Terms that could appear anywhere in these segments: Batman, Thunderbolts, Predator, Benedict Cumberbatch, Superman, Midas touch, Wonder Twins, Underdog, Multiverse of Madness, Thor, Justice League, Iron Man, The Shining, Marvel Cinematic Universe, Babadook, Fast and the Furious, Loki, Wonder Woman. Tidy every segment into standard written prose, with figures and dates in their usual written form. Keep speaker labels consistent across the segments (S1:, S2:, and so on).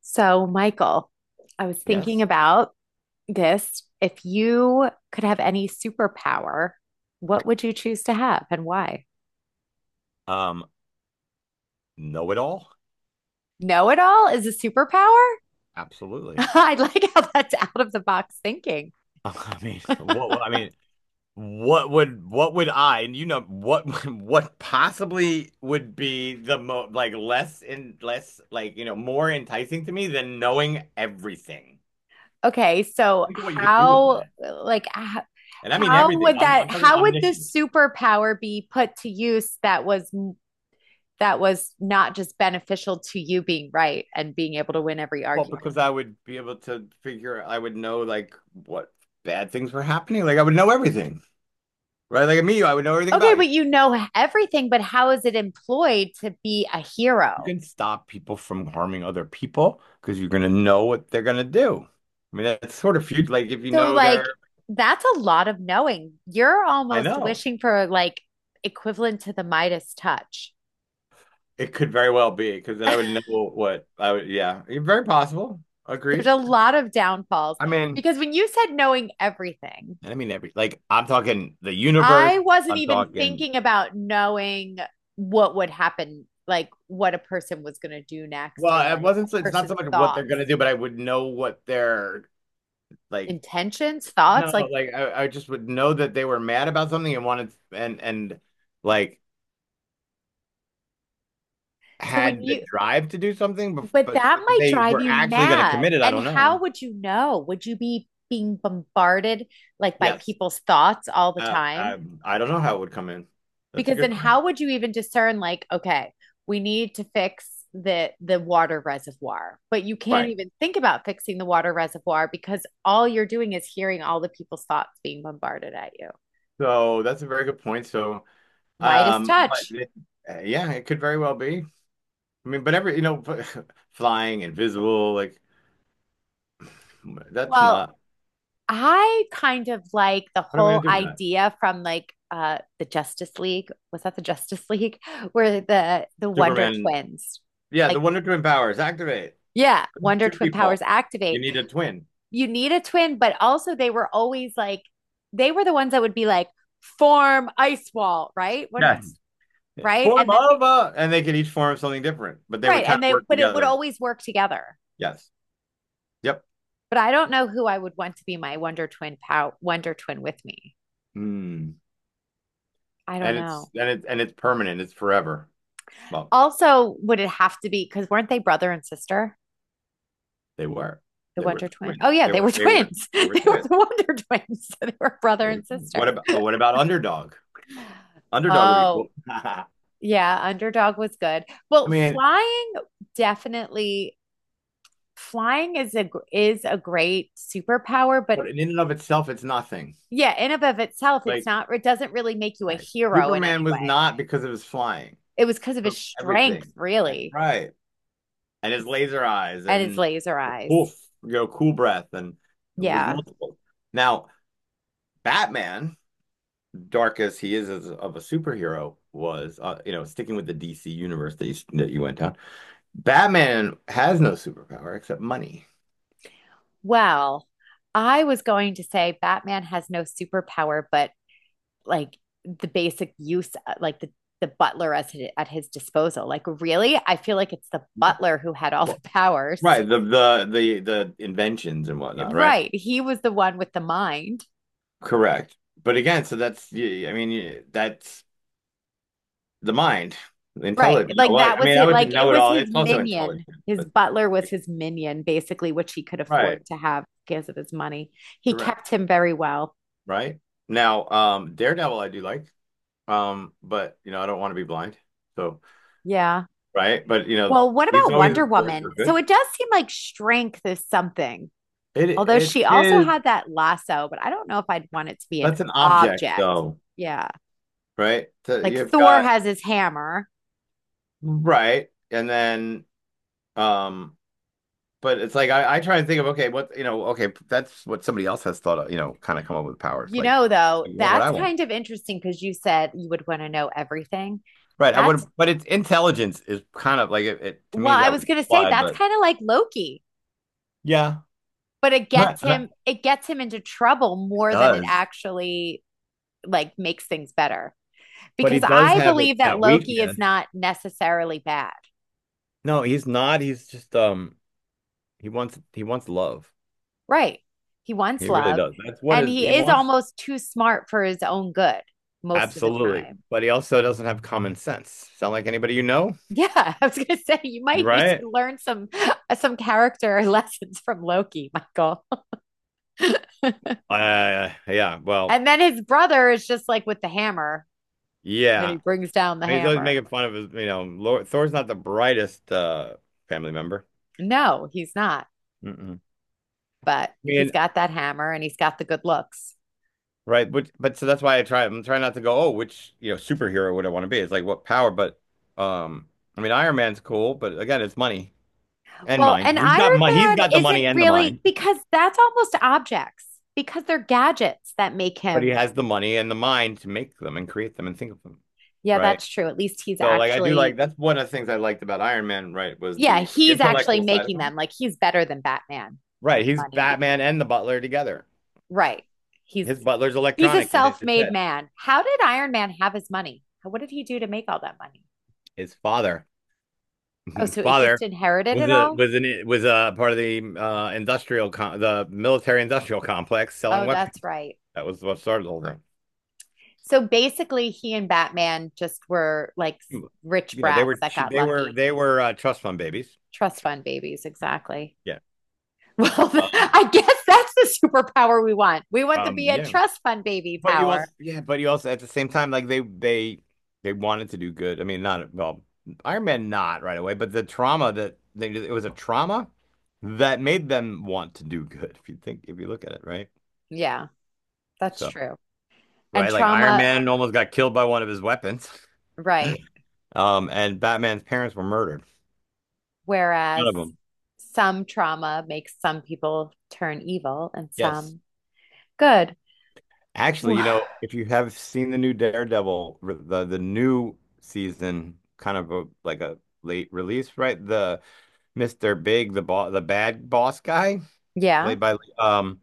S1: So, Michael, I was thinking
S2: Yes.
S1: about this. If you could have any superpower, what would you choose to have and why?
S2: Um, know it all?
S1: Know it all is a superpower?
S2: Absolutely.
S1: I like how that's out of the box thinking.
S2: I mean, what I mean, what would I, and what what possibly would be the mo like less and less more enticing to me than knowing everything.
S1: Okay, so
S2: Think of what you could do with that. And I mean
S1: how
S2: everything.
S1: would
S2: I'm
S1: that,
S2: talking
S1: how would the
S2: omniscient.
S1: superpower be put to use that was not just beneficial to you being right and being able to win every
S2: Well,
S1: argument?
S2: because I would be able to figure I would know like what bad things were happening. Like I would know everything. Right? Like me, I would know everything
S1: Okay,
S2: about you.
S1: but you know everything, but how is it employed to be a hero?
S2: You can stop people from harming other people because you're going to know what they're going to do. I mean, that's sort of future. Like, if you
S1: So,
S2: know
S1: like, that's a lot of knowing. You're
S2: I
S1: almost
S2: know
S1: wishing for like equivalent to the Midas touch.
S2: it could very well be because then I would know what I would, yeah, yeah, very possible.
S1: There's
S2: Agreed.
S1: a lot of downfalls
S2: I mean,
S1: because when you said knowing everything,
S2: I mean, every, like, I'm talking the universe,
S1: I wasn't
S2: I'm
S1: even thinking about knowing what would happen, like what a person was going to do next or
S2: well, it
S1: like a
S2: wasn't, so it's not so
S1: person's
S2: much what they're
S1: thoughts,
S2: going to do, but I would know what like,
S1: intentions,
S2: no,
S1: thoughts. Like,
S2: like, I just would know that they were mad about something and wanted, and like,
S1: so when
S2: had the
S1: you,
S2: drive to do something,
S1: but
S2: but
S1: that
S2: but
S1: might
S2: they
S1: drive
S2: were
S1: you
S2: actually going to
S1: mad.
S2: commit it, I
S1: And
S2: don't
S1: how
S2: know.
S1: would you know? Would you be being bombarded like by
S2: Yes.
S1: people's thoughts all the
S2: Oh,
S1: time?
S2: I don't know how it would come in. That's a
S1: Because
S2: good
S1: then
S2: question.
S1: how would you even discern like, okay, we need to fix the water reservoir. But you can't
S2: Right.
S1: even think about fixing the water reservoir because all you're doing is hearing all the people's thoughts being bombarded at you.
S2: So that's a very good point. So,
S1: Midas
S2: um, but
S1: touch.
S2: it, yeah, it could very well be. I mean, but every, you know, flying, invisible, like that's
S1: Well,
S2: not,
S1: I kind of like the
S2: what am I
S1: whole
S2: going to do with that?
S1: idea from like the Justice League. Was that the Justice League? Where the Wonder
S2: Superman.
S1: Twins.
S2: Yeah,
S1: Like
S2: the Wonder Twin powers activate.
S1: yeah, Wonder
S2: Two
S1: Twin powers
S2: people. You
S1: activate.
S2: need a twin.
S1: You need a twin, but also they were always like they were the ones that would be like form ice wall, right? When,
S2: Yes.
S1: right? And then
S2: And they could each form something different, but they
S1: right,
S2: would kind
S1: and
S2: of
S1: they
S2: work
S1: but it would
S2: together.
S1: always work together.
S2: Yes. Yep.
S1: But I don't know who I would want to be my Wonder Twin with me.
S2: Mm.
S1: I don't
S2: And it's
S1: know.
S2: and it's and it's permanent. It's forever. Well,
S1: Also, would it have to be because weren't they brother and sister?
S2: they were.
S1: The
S2: They were
S1: Wonder Twins? Oh
S2: twins.
S1: yeah,
S2: They
S1: they were
S2: were they were
S1: twins.
S2: they were
S1: They were
S2: twins.
S1: the Wonder Twins. So they were brother
S2: They were
S1: and
S2: twins. What
S1: sister.
S2: about what about Underdog? Underdog would be cool.
S1: Oh, yeah, Underdog was good. Well,
S2: Mean,
S1: flying definitely flying is a gr- is a great superpower, but
S2: but in and of itself, it's nothing.
S1: yeah, in and of itself, it's
S2: Like
S1: not it doesn't really make you a
S2: right.
S1: hero in any
S2: Superman was
S1: way.
S2: not because of his flying.
S1: It was because of his
S2: So
S1: strength,
S2: everything.
S1: really,
S2: Right. And his laser eyes
S1: and his
S2: and
S1: laser eyes.
S2: poof, cool breath and it was
S1: Yeah.
S2: multiple. Now, Batman, dark as he is as of a superhero, was, sticking with the DC universe that that you went down, Batman has no superpower except money.
S1: Well, I was going to say Batman has no superpower, but like the basic use, like the butler as his, at his disposal. Like, really, I feel like it's the
S2: Right.
S1: butler who had all the
S2: Well,
S1: powers.
S2: right. The the inventions and whatnot. Right.
S1: Right, he was the one with the mind.
S2: Correct. But again, so that's I mean that's the mind,
S1: Right,
S2: intelligent.
S1: like that was
S2: I
S1: it.
S2: would
S1: Like it
S2: know it
S1: was
S2: all.
S1: his
S2: It's also intelligent,
S1: minion. His
S2: but
S1: butler was his minion, basically, which he could afford
S2: right.
S1: to have because of his money. He
S2: Correct.
S1: kept him very well.
S2: Right. Now, Daredevil, I do like, but you know, I don't want to be blind, so.
S1: Yeah.
S2: Right? But you know,
S1: Well, what
S2: he's
S1: about
S2: always
S1: Wonder
S2: worked
S1: Woman?
S2: for
S1: So
S2: good.
S1: it does seem like strength is something.
S2: It
S1: Although
S2: it
S1: she also
S2: is
S1: had that lasso, but I don't know if I'd want it to be an
S2: that's an object
S1: object.
S2: though,
S1: Yeah.
S2: right? So
S1: Like
S2: you've
S1: Thor
S2: got
S1: has his hammer.
S2: right, and then um, but it's like I try and think of, okay, what, okay, that's what somebody else has thought of, you know, kind of come up with powers.
S1: You
S2: Like
S1: know, though,
S2: what would
S1: that's
S2: I want?
S1: kind of interesting because you said you would want to know everything.
S2: Right. I would,
S1: That's,
S2: but it's intelligence is kind of like it to me
S1: well, I
S2: that was
S1: was going to say
S2: applied,
S1: that's
S2: but
S1: kind of like Loki,
S2: yeah.
S1: but it gets him into trouble more than it
S2: Does.
S1: actually like makes things better.
S2: But he
S1: Because
S2: does
S1: I
S2: have a,
S1: believe that
S2: that
S1: Loki
S2: weakness.
S1: is not necessarily bad.
S2: No, he's not. He's just he wants love.
S1: Right. He wants
S2: He really
S1: love
S2: does. That's what
S1: and
S2: is he
S1: he is
S2: wants.
S1: almost too smart for his own good most of the
S2: Absolutely.
S1: time.
S2: But he also doesn't have common sense. Sound like anybody you know?
S1: Yeah, I was going to say you might need
S2: Right?
S1: to learn some character lessons from Loki, Michael.
S2: Yeah. Well,
S1: And then his brother is just like with the hammer and he
S2: yeah.
S1: brings down the
S2: He's always
S1: hammer.
S2: making fun of his, you know, Lord, Thor's not the brightest family member.
S1: No, he's not,
S2: Mm-mm.
S1: but he's
S2: Mean,
S1: got that hammer and he's got the good looks.
S2: but so that's why I'm trying not to go, oh, which, you know, superhero would I want to be? It's like what power, but um I mean Iron Man's cool, but again, it's money and
S1: Well,
S2: mind.
S1: an Iron
S2: He's
S1: Man
S2: got the
S1: isn't
S2: money and the
S1: really
S2: mind.
S1: because that's almost objects because they're gadgets that make
S2: But he
S1: him.
S2: has the money and the mind to make them and create them and think of them,
S1: Yeah,
S2: right?
S1: that's true. At least he's
S2: So like I do like
S1: actually,
S2: that's one of the things I liked about Iron Man, right? Was
S1: yeah,
S2: the
S1: he's actually
S2: intellectual side of
S1: making
S2: him.
S1: them. Like he's better than Batman with
S2: Right, he's
S1: money
S2: Batman
S1: because,
S2: and the Butler together.
S1: right. He's
S2: His butler's
S1: he's a
S2: electronic in his
S1: self-made
S2: head.
S1: man. How did Iron Man have his money? How- What did he do to make all that money?
S2: His father,
S1: Oh, so he just
S2: father
S1: inherited
S2: was
S1: it
S2: a
S1: all?
S2: was an was a part of the industrial the military industrial complex selling
S1: Oh, that's
S2: weapons.
S1: right.
S2: That was what started the whole thing.
S1: So basically he and Batman just were like rich
S2: Yeah, they
S1: brats
S2: were
S1: that got
S2: they were
S1: lucky.
S2: they were trust fund babies.
S1: Trust fund babies, exactly.
S2: Yeah,
S1: Well,
S2: um,
S1: I guess that's the superpower we want. We want to be a
S2: yeah.
S1: trust fund baby
S2: But you
S1: power.
S2: also, yeah, but you also at the same time, like they wanted to do good. I mean, not well, Iron Man not right away, but the trauma that they it was a trauma that made them want to do good. If you think, if you look at it, right?
S1: Yeah. That's
S2: So
S1: true. And
S2: right, like Iron
S1: trauma,
S2: Man almost got killed by one of his weapons,
S1: right.
S2: and Batman's parents were murdered. One
S1: Whereas
S2: of them,
S1: some trauma makes some people turn evil and
S2: yes.
S1: some good.
S2: Actually, you know, if you have seen the new Daredevil, the new season, kind of a, like a late release, right? The Mr. Big, the boss, the bad boss guy,
S1: Yeah.
S2: played by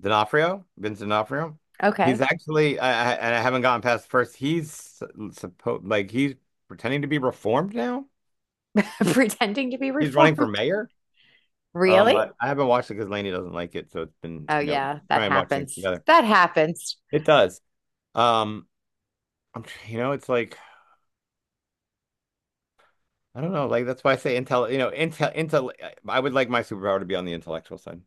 S2: D'Onofrio, Vincent D'Onofrio. He's
S1: Okay.
S2: actually, I haven't gotten past the first. He's supposed like he's pretending to be reformed now.
S1: Pretending to be
S2: He's running for
S1: reformed.
S2: mayor.
S1: Really?
S2: I haven't watched it because Lainey doesn't like it, so it's been,
S1: Oh,
S2: you know,
S1: yeah. That
S2: try and watch things
S1: happens.
S2: together.
S1: That happens.
S2: It does. Um, you know, it's like I don't know, like that's why I say intel. You know, intel, intel. I would like my superpower to be on the intellectual side,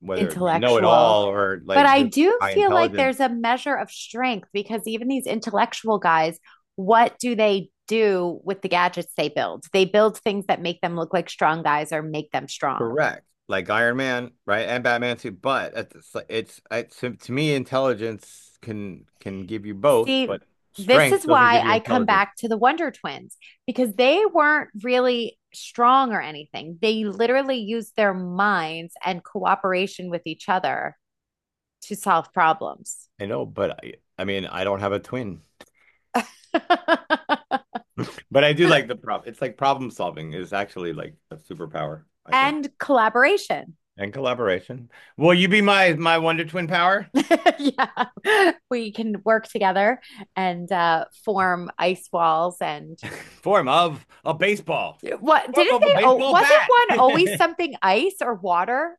S2: whether it be know it
S1: Intellectual.
S2: all or
S1: But
S2: like
S1: I
S2: just
S1: do
S2: high
S1: feel like
S2: intelligence.
S1: there's a measure of strength because even these intellectual guys, what do they do with the gadgets they build? They build things that make them look like strong guys or make them strong.
S2: Correct. Like Iron Man, right? And Batman too. But at it's to me, intelligence can give you both,
S1: See,
S2: but
S1: this
S2: strength
S1: is
S2: doesn't
S1: why
S2: give you
S1: I come
S2: intelligence.
S1: back to the Wonder Twins because they weren't really strong or anything. They literally used their minds and cooperation with each other to solve problems.
S2: I know, but I mean, I don't have a twin. But I do like the prop. It's like problem solving is actually like a superpower, I think.
S1: And collaboration.
S2: And collaboration. Will you be my Wonder Twin power?
S1: Yeah. We can work together and form ice walls and
S2: Form of a baseball.
S1: what
S2: Form
S1: didn't
S2: of a
S1: they oh
S2: baseball
S1: wasn't
S2: bat.
S1: one always something ice or water.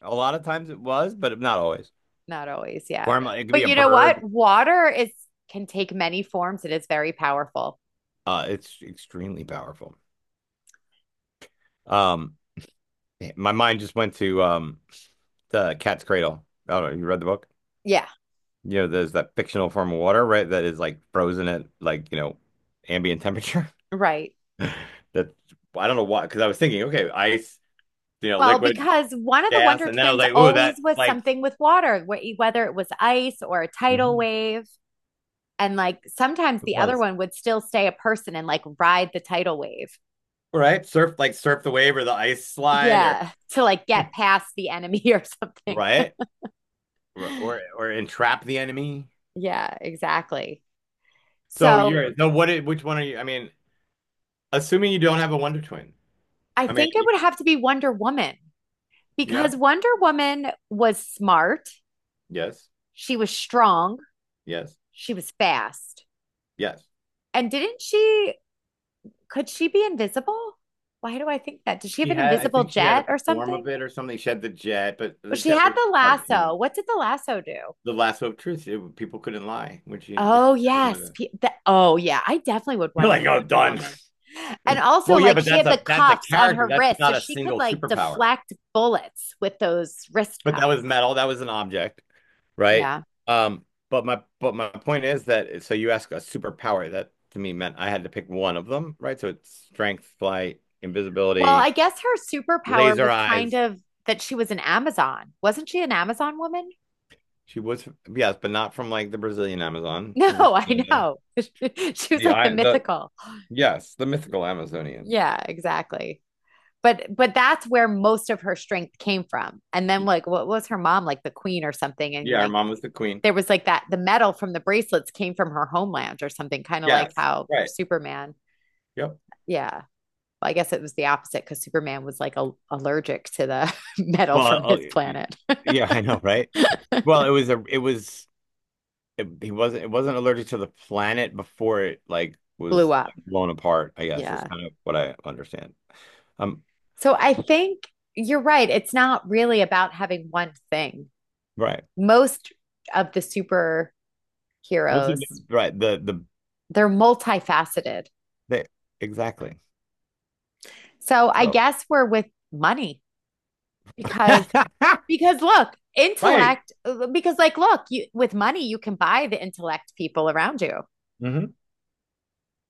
S2: A lot of times it was, but not always.
S1: Not always, yeah.
S2: Form, it could be
S1: But
S2: a
S1: you know what?
S2: bird.
S1: Water is can take many forms. It is very powerful.
S2: It's extremely powerful. Um, my mind just went to the Cat's Cradle. I don't know. You read the book?
S1: Yeah.
S2: You know, there's that fictional form of water, right? That is like frozen at, like, you know, ambient temperature.
S1: Right.
S2: That I don't know why, because I was thinking, okay, ice, you know,
S1: Well,
S2: liquid,
S1: because one of the
S2: gas,
S1: Wonder
S2: and then I was
S1: Twins
S2: like, ooh,
S1: always
S2: that
S1: was
S2: like
S1: something with water, whether it was ice or a tidal
S2: Mhm.
S1: wave. And like sometimes
S2: It
S1: the other
S2: was.
S1: one would still stay a person and like ride the tidal wave.
S2: Right, surf the wave or the ice slide
S1: Yeah, to like get past the enemy or something.
S2: right, or, or entrap the enemy.
S1: Yeah, exactly.
S2: So
S1: So
S2: you're no, what? Which one are you? I mean, assuming you don't have a Wonder Twin.
S1: I
S2: I mean,
S1: think it would have to be Wonder Woman
S2: yeah,
S1: because Wonder Woman was smart.
S2: yes,
S1: She was strong.
S2: yes,
S1: She was fast.
S2: yes.
S1: And didn't she, could she be invisible? Why do I think that? Did she have
S2: She
S1: an
S2: had, I
S1: invisible
S2: think she had
S1: jet
S2: a
S1: or
S2: form of
S1: something?
S2: it or something. She had the jet, but
S1: Well,
S2: the
S1: she
S2: jet
S1: had
S2: was a
S1: the lasso.
S2: cartoon.
S1: What did the lasso do?
S2: The Lasso of Truth. It- people couldn't lie when she, if she
S1: Oh,
S2: had them with
S1: yes.
S2: it.
S1: Oh, yeah. I definitely would
S2: You're
S1: want to
S2: like,
S1: be
S2: oh,
S1: Wonder
S2: done.
S1: Woman. And also,
S2: Well, yeah,
S1: like,
S2: but
S1: she had the
S2: that's a
S1: cuffs on
S2: character.
S1: her
S2: That's
S1: wrist, so
S2: not a
S1: she could
S2: single
S1: like
S2: superpower.
S1: deflect bullets with those wrist
S2: But that was
S1: cuffs.
S2: metal. That was an object, right?
S1: Yeah.
S2: But my point is that so you ask a superpower that to me meant I had to pick one of them, right? So it's strength, flight,
S1: Well, I
S2: invisibility,
S1: guess her superpower
S2: laser
S1: was kind
S2: eyes.
S1: of that she was an Amazon. Wasn't she an Amazon woman?
S2: She was, yes, but not from like the Brazilian Amazon.
S1: No,
S2: It was
S1: I know. She was
S2: the
S1: like the
S2: I the
S1: mythical.
S2: yes, the mythical Amazonians.
S1: Yeah, exactly. But that's where most of her strength came from. And then like what was her mom like the queen or something and
S2: Yeah, her
S1: like
S2: mom was the queen.
S1: there was like that the metal from the bracelets came from her homeland or something kind of like
S2: Yes,
S1: how
S2: right.
S1: Superman.
S2: Yep.
S1: Yeah. Well, I guess it was the opposite cuz Superman was like a, allergic to the metal
S2: Well,
S1: from
S2: I'll-
S1: his planet.
S2: yeah, I know, right? Well, it was a, it was, it, he wasn't, it wasn't allergic to the planet before it like
S1: Blew
S2: was
S1: up.
S2: blown apart. I guess that's
S1: Yeah.
S2: kind of what I understand. Um,
S1: So I think you're right. It's not really about having one thing.
S2: right,
S1: Most of the superheroes,
S2: The
S1: they're multifaceted.
S2: the exactly.
S1: So I
S2: So,
S1: guess we're with money because look,
S2: right.
S1: intellect because like look, you with money you can buy the intellect people around you.
S2: Hmm.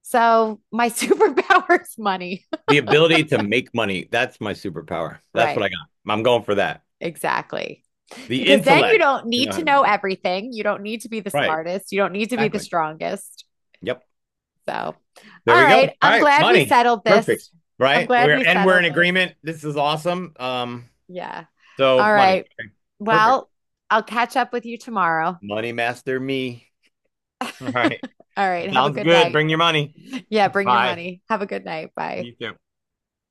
S1: So my superpower is money.
S2: The ability to make money. That's my superpower. That's
S1: Right.
S2: what I got. I'm going for that.
S1: Exactly.
S2: The
S1: Because then you
S2: intellect
S1: don't
S2: to
S1: need
S2: know how
S1: to
S2: to
S1: know
S2: make money.
S1: everything. You don't need to be the
S2: Right.
S1: smartest. You don't need to be the
S2: Exactly.
S1: strongest.
S2: Yep.
S1: So,
S2: There
S1: all
S2: we go. All
S1: right. I'm
S2: right.
S1: glad we
S2: Money.
S1: settled
S2: Perfect.
S1: this. I'm
S2: Right.
S1: glad we
S2: We're
S1: settled
S2: in
S1: this.
S2: agreement. This is awesome.
S1: Yeah.
S2: So
S1: All
S2: money.
S1: right.
S2: Okay. Perfect.
S1: Well, I'll catch up
S2: Money master me. All right. Sounds good. Bring your money. Bye. You too.